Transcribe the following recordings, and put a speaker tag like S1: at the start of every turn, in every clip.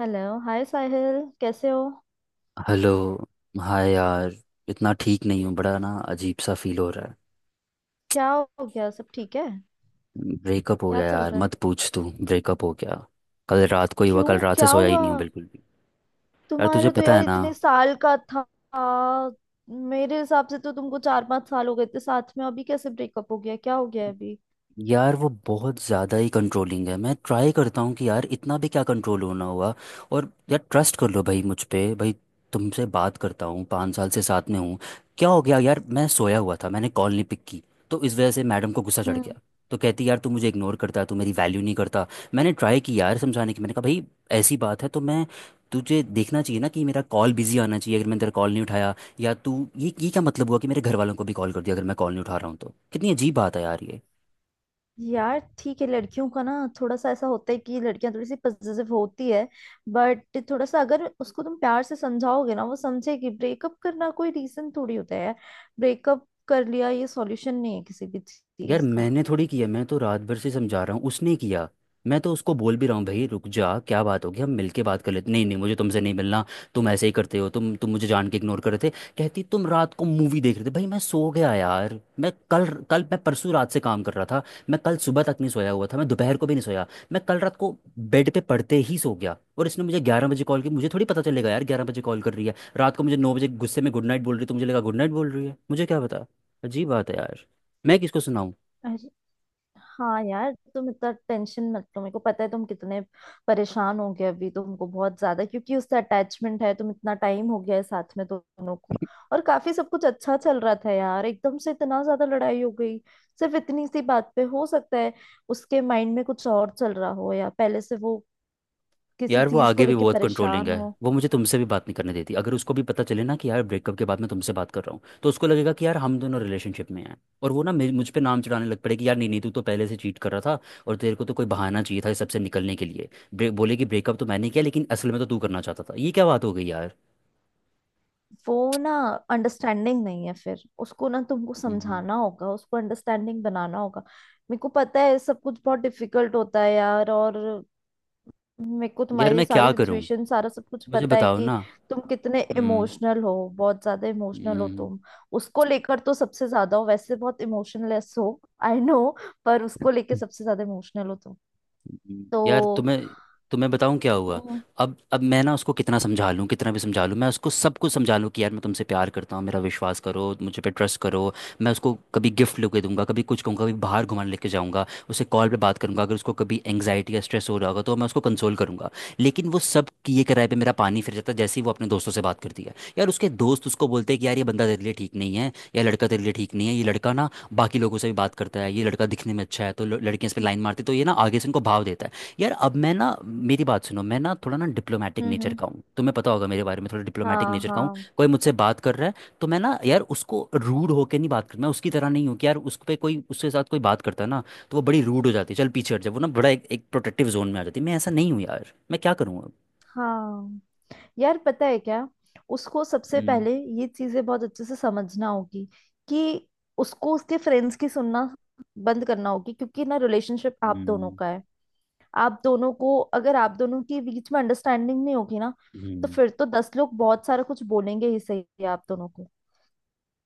S1: Hello. Hi Sahil, कैसे हो?
S2: Hello. Hi यार, इतना ठीक नहीं हूँ। बड़ा ना अजीब सा फील हो रहा है।
S1: क्या हो गया? सब ठीक है?
S2: ब्रेकअप हो
S1: क्या
S2: गया
S1: चल
S2: यार,
S1: रहा है?
S2: मत पूछ। तू ब्रेकअप हो गया, कल रात को ही हुआ। कल
S1: क्यों?
S2: रात से
S1: क्या
S2: सोया ही
S1: हुआ?
S2: नहीं हूँ बिल्कुल भी। यार तुझे
S1: तुम्हारे तो
S2: पता है
S1: यार
S2: ना,
S1: इतने साल का था। मेरे हिसाब से तो तुमको चार पांच साल हो गए थे साथ में। अभी कैसे ब्रेकअप हो गया? क्या हो गया है अभी?
S2: यार वो बहुत ज़्यादा ही कंट्रोलिंग है। मैं ट्राई करता हूँ कि यार इतना भी क्या कंट्रोल होना हुआ। और यार ट्रस्ट कर लो भाई, मुझ पे भाई। तुमसे बात करता हूँ, पाँच साल से साथ में हूँ। क्या हो गया यार, मैं सोया हुआ था, मैंने कॉल नहीं पिक की। तो इस वजह से मैडम को गुस्सा चढ़
S1: हम्म।
S2: गया। तो कहती यार तू मुझे इग्नोर करता है, तू मेरी वैल्यू नहीं करता। मैंने ट्राई की यार समझाने की, मैंने कहा भाई ऐसी बात है तो मैं, तुझे देखना चाहिए ना कि मेरा कॉल बिजी आना चाहिए अगर मैंने तेरा कॉल नहीं उठाया। या तू ये क्या मतलब हुआ कि मेरे घर वालों को भी कॉल कर दिया अगर मैं कॉल नहीं उठा रहा हूँ तो। कितनी अजीब बात है यार ये।
S1: यार ठीक है, लड़कियों का ना थोड़ा सा ऐसा होता है कि लड़कियां थोड़ी सी पजेसिव होती है। बट थोड़ा सा अगर उसको तुम प्यार से समझाओगे ना, वो समझेगी। ब्रेकअप करना कोई रीजन थोड़ी होता है यार। ब्रेकअप कर लिया, ये सॉल्यूशन नहीं है किसी भी
S2: यार
S1: चीज का।
S2: मैंने थोड़ी किया, मैं तो रात भर से समझा रहा हूँ, उसने किया। मैं तो उसको बोल भी रहा हूँ भाई रुक जा, क्या बात होगी, हम मिलके बात कर लेते। नहीं नहीं मुझे तुमसे नहीं मिलना, तुम ऐसे ही करते हो, तुम मुझे जान के इग्नोर कर रहे थे। कहती तुम रात को मूवी देख रहे थे। भाई मैं सो गया यार, मैं कल कल मैं परसों रात से काम कर रहा था। मैं कल सुबह तक नहीं सोया हुआ था, मैं दोपहर को भी नहीं सोया। मैं कल रात को बेड पे पड़ते ही सो गया और इसने मुझे ग्यारह बजे कॉल की। मुझे थोड़ी पता चलेगा यार ग्यारह बजे कॉल कर रही है रात को। मुझे नौ बजे गुस्से में गुड नाइट बोल रही है, तो मुझे लगा गुड नाइट बोल रही है, मुझे क्या पता। अजीब बात है यार, मैं किसको सुनाऊं।
S1: हाँ यार, तुम इतना टेंशन मत लो। मेरे को पता है तुम कितने परेशान हो गए अभी, तुमको बहुत ज्यादा क्योंकि उससे अटैचमेंट है। तुम इतना टाइम हो गया है साथ में दोनों को, और काफी सब कुछ अच्छा चल रहा था यार। एकदम से इतना ज्यादा लड़ाई हो गई सिर्फ इतनी सी बात पे। हो सकता है उसके माइंड में कुछ और चल रहा हो, या पहले से वो किसी
S2: यार वो
S1: चीज को
S2: आगे भी
S1: लेके
S2: बहुत कंट्रोलिंग
S1: परेशान
S2: है।
S1: हो।
S2: वो मुझे तुमसे भी बात नहीं करने देती। अगर उसको भी पता चले ना कि यार ब्रेकअप के बाद मैं तुमसे बात कर रहा हूँ, तो उसको लगेगा कि यार हम दोनों रिलेशनशिप में हैं। और वो ना मुझ पे नाम चढ़ाने लग पड़ेगी यार, नहीं नहीं तू तो पहले से चीट कर रहा था और तेरे को तो कोई बहाना चाहिए था इस सबसे निकलने के लिए। ब्रेक बोले कि ब्रेकअप तो मैंने किया लेकिन असल में तो तू करना चाहता था। ये क्या बात हो गई यार।
S1: वो ना अंडरस्टैंडिंग नहीं है, फिर उसको ना तुमको
S2: हम्म,
S1: समझाना होगा, उसको अंडरस्टैंडिंग बनाना होगा। मेरे को पता है सब कुछ बहुत डिफिकल्ट होता है यार, और मेरे को
S2: यार
S1: तुम्हारी
S2: मैं
S1: सारी
S2: क्या करूँ,
S1: सिचुएशन सारा सब कुछ
S2: मुझे
S1: पता है
S2: बताओ
S1: कि
S2: ना।
S1: तुम कितने
S2: हम्म।
S1: इमोशनल हो। बहुत ज्यादा इमोशनल हो
S2: हम्म।
S1: तुम, उसको लेकर तो सबसे ज्यादा हो। वैसे बहुत इमोशनलेस हो, आई नो, पर उसको लेके सबसे ज्यादा इमोशनल हो तुम।
S2: यार
S1: तो
S2: तुम्हें तुम्हें बताऊं क्या हुआ।
S1: हम्म।
S2: अब मैं ना उसको कितना समझा लूं, कितना भी समझा लूं, मैं उसको सब कुछ समझा लूं कि यार मैं तुमसे प्यार करता हूँ, मेरा विश्वास करो, मुझे पे ट्रस्ट करो। मैं उसको कभी गिफ्ट लेके दूंगा, कभी कुछ कहूँगा, कभी बाहर घुमाने लेके जाऊंगा। उसे कॉल पे बात करूंगा, अगर उसको कभी एंग्जाइटी या स्ट्रेस हो रहा होगा तो मैं उसको कंसोल करूंगा। लेकिन वो सब किए कराए पे मेरा पानी फिर जाता है जैसे ही वो अपने दोस्तों से बात करती है। यार उसके दोस्त उसको बोलते हैं कि यार ये बंदा तेरे लिए ठीक नहीं है, या लड़का तेरे लिए ठीक नहीं है, ये लड़का ना बाकी लोगों से भी बात करता है, ये लड़का दिखने में अच्छा है तो लड़कियां इस पे लाइन मारती, तो ये ना आगे से इनको भाव देता है। यार अब मैं ना, मेरी बात सुनो, मैं ना थोड़ा ना डिप्लोमेटिक
S1: हम्म
S2: नेचर
S1: हम्म,
S2: का हूँ, तुम्हें पता होगा मेरे बारे में, थोड़ा डिप्लोमेटिक
S1: हाँ
S2: नेचर का हूँ।
S1: हाँ
S2: कोई मुझसे बात कर रहा है तो मैं ना यार उसको रूड होकर नहीं बात करता। मैं उसकी तरह नहीं हूँ कि यार उस पे कोई, उसके साथ कोई बात करता है ना तो वो बड़ी रूड हो जाती है, चल पीछे हट जाए, वो ना बड़ा एक प्रोटेक्टिव जोन में आ जाती है। मैं ऐसा नहीं हूँ यार, मैं क्या करूँ अब।
S1: हाँ यार पता है क्या, उसको सबसे
S2: हम्म।
S1: पहले ये चीजें बहुत अच्छे से समझना होगी। कि उसको उसके फ्रेंड्स की सुनना बंद करना होगी, क्योंकि ना रिलेशनशिप आप दोनों
S2: हम्म।
S1: का है। आप दोनों को, अगर आप दोनों के बीच में अंडरस्टैंडिंग नहीं होगी ना, तो
S2: हम्म।
S1: फिर तो दस लोग बहुत सारा कुछ बोलेंगे ही, सही आप दोनों को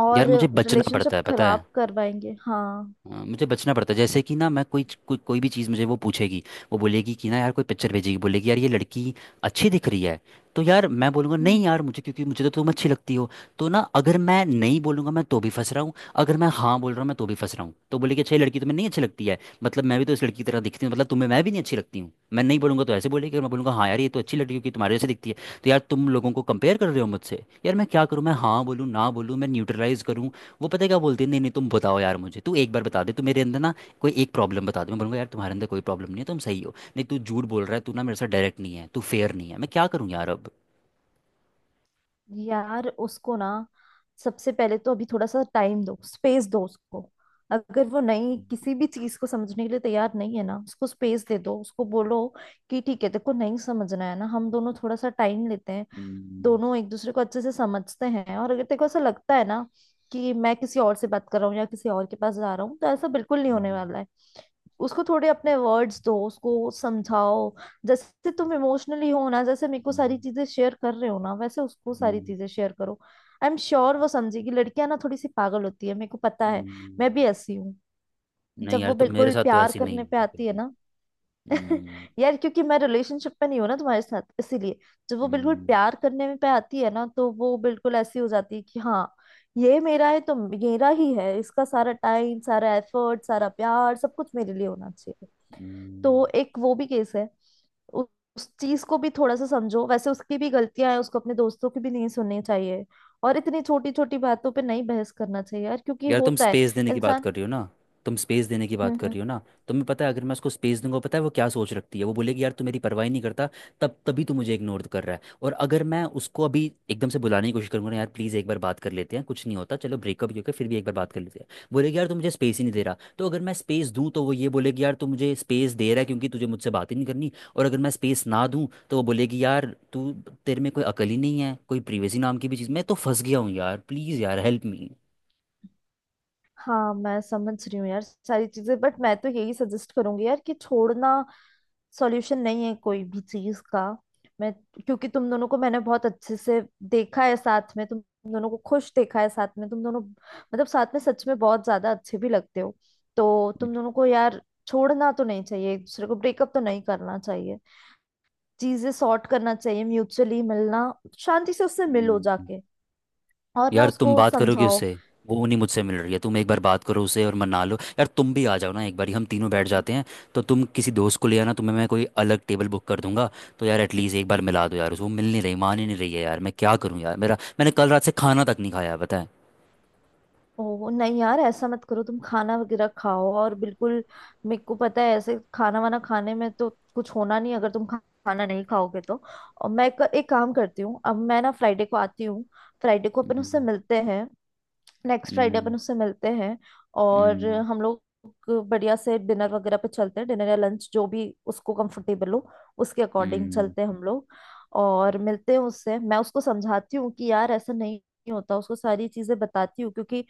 S1: और
S2: यार मुझे बचना पड़ता
S1: रिलेशनशिप
S2: है पता है।
S1: खराब करवाएंगे। हाँ।
S2: हाँ, मुझे बचना पड़ता है। जैसे कि ना मैं कोई कोई कोई भी चीज़, मुझे वो पूछेगी, वो बोलेगी कि ना यार कोई पिक्चर भेजेगी, बोलेगी यार ये लड़की अच्छी दिख रही है। तो यार मैं बोलूँगा
S1: हम्म,
S2: नहीं यार मुझे, क्योंकि मुझे तो तुम अच्छी लगती हो। तो ना अगर मैं नहीं बोलूँगा मैं तो भी फंस रहा हूँ, अगर मैं हाँ बोल रहा हूँ मैं तो भी फंस रहा हूँ। तो बोलेगी अच्छा ये लड़की तुम्हें नहीं अच्छी लगती है, मतलब मैं भी तो इस लड़की की तरह दिखती हूँ, मतलब तुम्हें मैं भी नहीं अच्छी लगती हूँ। मैं नहीं बोलूँगा तो ऐसे बोलेगी, और मैं बोलूँगा हाँ यार ये तो अच्छी लड़की क्योंकि तुम्हारे जैसे दिखती है, तो यार तुम लोगों को कंपेयर कर रहे हो मुझसे। यार मैं क्या करूँ, मैं हाँ बोलूँ, ना बोलूँ, मैं न्यूट्रलाइज करूँ। वो पता है क्या बोलती है, नहीं नहीं तुम बताओ यार मुझे, तू एक बार बता दे, तू मेरे अंदर ना कोई एक प्रॉब्लम बता दे। मैं बोलूंगा यार तुम्हारे अंदर कोई प्रॉब्लम नहीं है, तुम सही हो। नहीं तू झूठ बोल रहा है, तू ना मेरे साथ डायरेक्ट नहीं है, तू फेयर नहीं है। मैं क्या करूँ यार अब।
S1: यार उसको ना सबसे पहले तो अभी थोड़ा सा टाइम दो, स्पेस दो उसको। अगर वो नहीं, किसी भी चीज को समझने के लिए तैयार नहीं है ना, उसको स्पेस दे दो। उसको बोलो कि ठीक है, देखो नहीं समझना है ना, हम दोनों थोड़ा सा टाइम लेते हैं।
S2: हम्म।
S1: दोनों एक दूसरे को अच्छे से समझते हैं। और अगर तेरे को ऐसा लगता है ना कि मैं किसी और से बात कर रहा हूँ या किसी और के पास जा रहा हूँ, तो ऐसा बिल्कुल नहीं होने
S2: हम्म।
S1: वाला है। उसको थोड़े अपने वर्ड्स दो, उसको समझाओ। जैसे तुम इमोशनली हो ना, जैसे मेरे को सारी
S2: हम्म।
S1: चीजें शेयर कर रहे हो ना, वैसे उसको सारी
S2: हम्म।
S1: चीजें शेयर करो। आई एम श्योर वो समझेगी। लड़कियां ना थोड़ी सी पागल होती है, मेरे को पता है, मैं
S2: हम्म।
S1: भी ऐसी हूँ।
S2: नहीं
S1: जब
S2: यार
S1: वो
S2: तुम मेरे
S1: बिल्कुल
S2: साथ तो
S1: प्यार
S2: ऐसी नहीं
S1: करने
S2: है
S1: पे
S2: बिल्कुल
S1: आती है
S2: भी।
S1: ना।
S2: हम्म।
S1: यार क्योंकि मैं रिलेशनशिप में नहीं हूं ना तुम्हारे साथ, इसीलिए। जब वो बिल्कुल
S2: हम्म।
S1: प्यार करने में पे आती है ना, तो वो बिल्कुल ऐसी हो जाती है कि हाँ, ये मेरा है तो मेरा ही है। इसका सारा टाइम, सारा एफर्ट, सारा प्यार, सब कुछ मेरे लिए होना चाहिए।
S2: हम्म।
S1: तो एक वो भी केस है। उ- उस चीज को भी थोड़ा सा समझो। वैसे उसकी भी गलतियां हैं, उसको अपने दोस्तों की भी नहीं सुननी चाहिए, और इतनी छोटी छोटी बातों पे नहीं बहस करना चाहिए यार, क्योंकि
S2: यार तुम
S1: होता है
S2: स्पेस देने की बात
S1: इंसान।
S2: कर रही हो ना, तुम स्पेस देने की
S1: हम्म
S2: बात कर
S1: हम्म
S2: रही हो ना, तुम्हें पता है अगर मैं उसको स्पेस दूंगा, पता है वो क्या सोच रखती है। वो बोलेगी यार तू मेरी परवाह ही नहीं करता, तब तभी तू मुझे इग्नोर कर रहा है। और अगर मैं उसको अभी एकदम से बुलाने की कोशिश करूंगा ना, यार प्लीज़ एक बार बात कर लेते हैं, कुछ नहीं होता, चलो ब्रेकअप ही होकर फिर भी एक बार बात कर लेते हैं, बोलेगी यार तू मुझे स्पेस ही नहीं दे रहा। तो अगर मैं स्पेस दूँ तो वो ये बोलेगी यार तू मुझे स्पेस दे रहा है क्योंकि तुझे मुझसे बात ही नहीं करनी, और अगर मैं स्पेस ना दूँ तो वो बोलेगी यार तू, तेरे में कोई अकल ही नहीं है, कोई प्रिवेसी नाम की भी चीज़। मैं तो फंस गया हूँ यार, प्लीज़ यार हेल्प मी।
S1: हाँ मैं समझ रही हूँ यार सारी चीजें, बट मैं तो यही सजेस्ट करूंगी यार कि छोड़ना सॉल्यूशन नहीं है कोई भी चीज का। मैं, क्योंकि तुम दोनों को मैंने बहुत अच्छे से देखा है साथ में, तुम दोनों को खुश देखा है साथ में। तुम दोनों मतलब साथ में सच में बहुत ज्यादा अच्छे भी लगते हो। तो तुम दोनों को यार छोड़ना तो नहीं चाहिए एक दूसरे को, ब्रेकअप तो नहीं करना चाहिए। चीजें सॉर्ट करना चाहिए म्यूचुअली। मिलना, शांति से उससे मिलो
S2: हम्म।
S1: जाके, और ना
S2: यार तुम
S1: उसको
S2: बात करोगे
S1: समझाओ।
S2: उससे, वो नहीं मुझसे मिल रही है, तुम एक बार बात करो उसे और मना लो। यार तुम भी आ जाओ ना एक बार, हम तीनों बैठ जाते हैं, तो तुम किसी दोस्त को ले आना, तुम्हें मैं कोई अलग टेबल बुक कर दूंगा। तो यार एटलीस्ट एक बार मिला दो यार उसको, वो मिल नहीं रही, मान ही नहीं रही है। यार मैं क्या करूँ यार, मेरा, मैंने कल रात से खाना तक नहीं खाया पता है।
S1: ओ नहीं यार, ऐसा मत करो, तुम खाना वगैरह खाओ। और बिल्कुल, मेरे को पता है ऐसे खाना वाना खाने में तो कुछ होना नहीं, अगर तुम खाना नहीं खाओगे तो। और मैं एक काम करती हूँ, अब मैं ना फ्राइडे को आती हूँ, फ्राइडे को अपन उससे
S2: हम्म।
S1: मिलते हैं। नेक्स्ट फ्राइडे अपन
S2: हम्म।
S1: उससे मिलते हैं, और
S2: हम्म।
S1: हम लोग बढ़िया से डिनर वगैरह पे चलते हैं। डिनर या लंच, जो भी उसको कंफर्टेबल हो, उसके अकॉर्डिंग
S2: हम्म।
S1: चलते हैं हम लोग। और मिलते हैं उससे। मैं उसको समझाती हूँ कि यार ऐसा नहीं होता, उसको सारी चीजें बताती हूँ, क्योंकि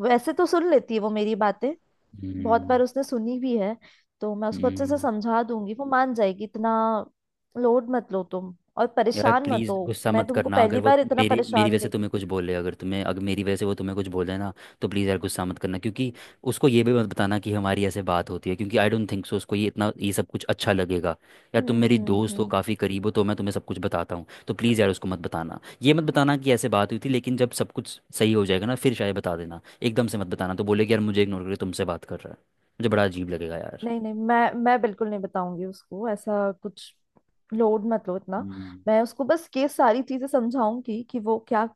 S1: वैसे तो सुन लेती है वो मेरी बातें, बहुत बार
S2: हम्म।
S1: उसने सुनी भी है। तो मैं उसको अच्छे से
S2: हम्म।
S1: समझा दूंगी, वो मान जाएगी। इतना लोड मत लो तुम, और
S2: यार
S1: परेशान मत
S2: प्लीज़
S1: हो।
S2: गुस्सा
S1: मैं
S2: मत
S1: तुमको
S2: करना, अगर
S1: पहली
S2: वो
S1: बार इतना
S2: मेरी मेरी
S1: परेशान
S2: वजह से तुम्हें
S1: देखी।
S2: कुछ बोले, अगर तुम्हें, अगर मेरी वजह से वो तुम्हें कुछ बोले ना, तो प्लीज़ यार गुस्सा मत करना। क्योंकि उसको ये भी मत बताना कि हमारी ऐसे बात होती है, क्योंकि आई डोंट थिंक सो उसको ये इतना, ये सब कुछ अच्छा लगेगा। यार तुम
S1: हम्म
S2: मेरी
S1: हम्म
S2: दोस्त हो,
S1: हम्म
S2: काफ़ी करीब हो, तो मैं तुम्हें सब कुछ बताता हूँ, तो प्लीज़ यार उसको मत बताना, ये मत बताना कि ऐसे बात हुई थी। लेकिन जब सब कुछ सही हो जाएगा ना फिर शायद बता देना, एकदम से मत बताना, तो बोले कि यार मुझे इग्नोर करके तुमसे बात कर रहा है। मुझे बड़ा अजीब लगेगा यार।
S1: नहीं नहीं, मैं बिल्कुल नहीं बताऊंगी उसको ऐसा कुछ। लोड मत लो इतना।
S2: हम्म।
S1: मैं उसको बस ये सारी चीजें समझाऊंगी कि वो क्या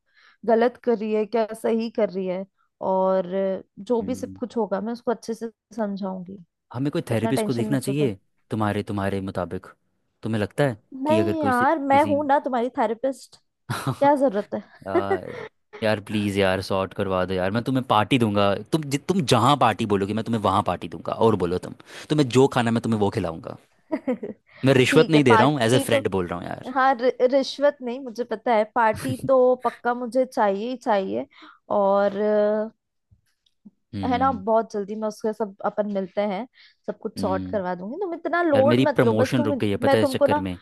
S1: गलत कर रही है, क्या सही कर रही है। और जो भी सब
S2: हम्म।
S1: कुछ होगा, मैं उसको अच्छे से समझाऊंगी।
S2: हमें कोई
S1: इतना
S2: थेरेपिस्ट को
S1: टेंशन
S2: देखना
S1: मत लो तुम।
S2: चाहिए, तुम्हारे तुम्हारे मुताबिक तुम्हें लगता है कि अगर
S1: नहीं
S2: कोई
S1: यार, मैं
S2: किसी
S1: हूं ना तुम्हारी थेरेपिस्ट, क्या जरूरत है।
S2: यार, यार प्लीज़ यार सॉर्ट करवा दो यार, मैं तुम्हें पार्टी दूंगा, तुम जहाँ पार्टी बोलोगे मैं तुम्हें वहाँ पार्टी दूंगा, और बोलो तुम, तुम्हें जो खाना मैं तुम्हें वो खिलाऊंगा। मैं रिश्वत
S1: ठीक है,
S2: नहीं दे रहा हूँ, एज ए
S1: पार्टी तो
S2: फ्रेंड बोल रहा हूँ यार।
S1: हाँ। रिश्वत नहीं, मुझे पता है, पार्टी तो पक्का मुझे चाहिए ही चाहिए। और है ना,
S2: हम्म।
S1: बहुत जल्दी मैं उसके सब, अपन मिलते हैं, सब कुछ सॉर्ट
S2: हम्म।
S1: करवा दूंगी। तुम इतना
S2: यार
S1: लोड
S2: मेरी
S1: मत लो बस,
S2: प्रमोशन रुक
S1: तुम
S2: गई है
S1: मैं
S2: पता है इस
S1: तुमको
S2: चक्कर
S1: ना।
S2: में।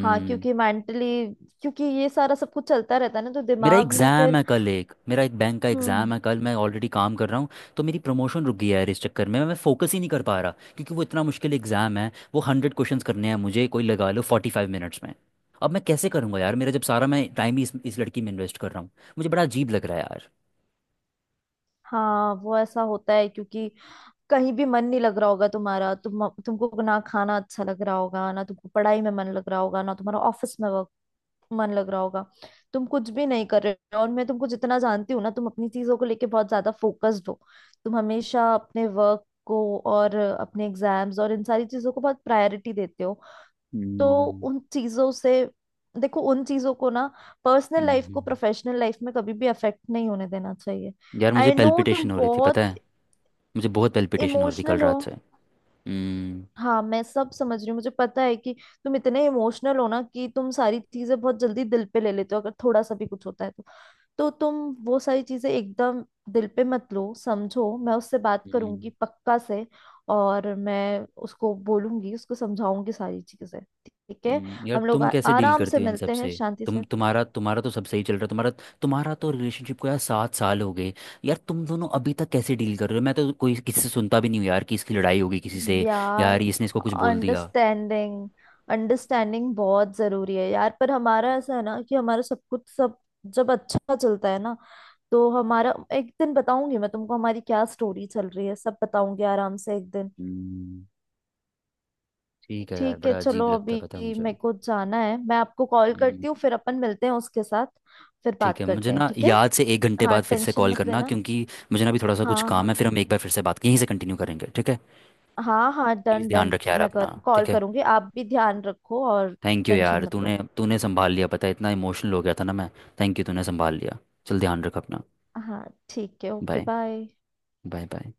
S1: हाँ, क्योंकि मेंटली, क्योंकि ये सारा सब कुछ चलता रहता है ना, तो
S2: मेरा
S1: दिमाग में
S2: एग्ज़ाम
S1: फिर।
S2: है कल, एक मेरा एक बैंक का
S1: हम्म।
S2: एग्ज़ाम है कल, मैं ऑलरेडी काम कर रहा हूँ। तो मेरी प्रमोशन रुक गई है यार इस चक्कर में, मैं फोकस ही नहीं कर पा रहा क्योंकि वो इतना मुश्किल एग्ज़ाम है। वो हंड्रेड क्वेश्चंस करने हैं मुझे कोई लगा लो फोर्टी फाइव मिनट्स में। अब मैं कैसे करूँगा यार, मेरा जब सारा मैं टाइम ही इस लड़की में इन्वेस्ट कर रहा हूँ। मुझे बड़ा अजीब लग रहा है यार।
S1: हाँ वो ऐसा होता है, क्योंकि कहीं भी मन नहीं लग रहा होगा तुम्हारा। तुम तुमको ना खाना अच्छा लग रहा होगा, ना तुमको पढ़ाई में मन लग रहा होगा, ना तुम्हारा ऑफिस में मन लग रहा होगा, तुम कुछ भी नहीं कर रहे हो। और मैं तुमको जितना जानती हूँ ना, तुम अपनी चीजों को लेके बहुत ज्यादा फोकस्ड हो। तुम हमेशा अपने वर्क को, और अपने एग्जाम्स, और इन सारी चीजों को बहुत प्रायोरिटी देते हो। तो
S2: हम्म।
S1: उन चीजों से, देखो उन चीजों को ना, पर्सनल लाइफ को
S2: हम्म,
S1: प्रोफेशनल लाइफ में कभी भी अफेक्ट नहीं होने देना चाहिए।
S2: यार मुझे
S1: आई नो, तुम
S2: पेल्पिटेशन हो रही थी पता
S1: बहुत
S2: है, मुझे बहुत पेल्पिटेशन हो रही थी कल
S1: इमोशनल हो।
S2: रात से। हम्म।
S1: हाँ मैं सब समझ रही हूँ, मुझे पता है कि तुम इतने इमोशनल हो ना, कि तुम सारी चीजें बहुत जल्दी दिल पे ले लेते हो। अगर थोड़ा सा भी कुछ होता है तो तुम वो सारी चीजें एकदम दिल पे मत लो। समझो, मैं उससे बात
S2: हम्म।
S1: करूंगी पक्का से। और मैं उसको बोलूंगी, उसको समझाऊंगी सारी चीजें ठीक है।
S2: यार
S1: हम लोग
S2: तुम कैसे डील
S1: आराम से
S2: करती हो इन
S1: मिलते
S2: सब
S1: हैं,
S2: से,
S1: शांति
S2: तुम
S1: से।
S2: तुम्हारा तुम्हारा तो सब सही चल रहा है, तुम्हारा तुम्हारा तो रिलेशनशिप को यार सात साल हो गए। यार तुम दोनों अभी तक कैसे डील कर रहे हो, मैं तो कोई किसी से सुनता भी नहीं हूँ यार कि इसकी लड़ाई होगी किसी से, यार
S1: यार
S2: इसने इसको कुछ बोल दिया।
S1: अंडरस्टैंडिंग अंडरस्टैंडिंग बहुत जरूरी है यार। पर हमारा ऐसा है ना कि हमारा सब कुछ सब, जब अच्छा चलता है ना, तो हमारा, एक दिन बताऊंगी मैं तुमको हमारी क्या स्टोरी चल रही है, सब बताऊंगी आराम से एक दिन।
S2: हम्म, ठीक है यार,
S1: ठीक है,
S2: बड़ा
S1: चलो
S2: अजीब लगता
S1: अभी
S2: है पता है मुझे।
S1: मेरे को जाना है। मैं आपको कॉल
S2: हम्म,
S1: करती हूँ, फिर अपन मिलते हैं उसके साथ, फिर
S2: ठीक
S1: बात
S2: है। मुझे
S1: करते हैं
S2: ना
S1: ठीक है।
S2: याद से एक घंटे
S1: हाँ
S2: बाद फिर से
S1: टेंशन
S2: कॉल
S1: मत
S2: करना,
S1: लेना।
S2: क्योंकि मुझे ना अभी थोड़ा सा कुछ
S1: हाँ
S2: काम है,
S1: हाँ
S2: फिर हम एक बार फिर से बात यहीं से कंटिन्यू करेंगे ठीक है।
S1: हाँ हाँ
S2: प्लीज़
S1: डन
S2: ध्यान
S1: डन।
S2: रख यार
S1: मैं
S2: अपना।
S1: कर कॉल
S2: ठीक है।
S1: करूंगी, आप भी ध्यान रखो, और
S2: थैंक यू यार,
S1: टेंशन मत
S2: तूने
S1: लो।
S2: तूने संभाल लिया पता है, इतना इमोशनल हो गया था ना मैं। थैंक यू, तूने संभाल लिया। चल ध्यान रख अपना।
S1: हाँ ठीक है, okay
S2: bye.
S1: Bye.
S2: Bye bye.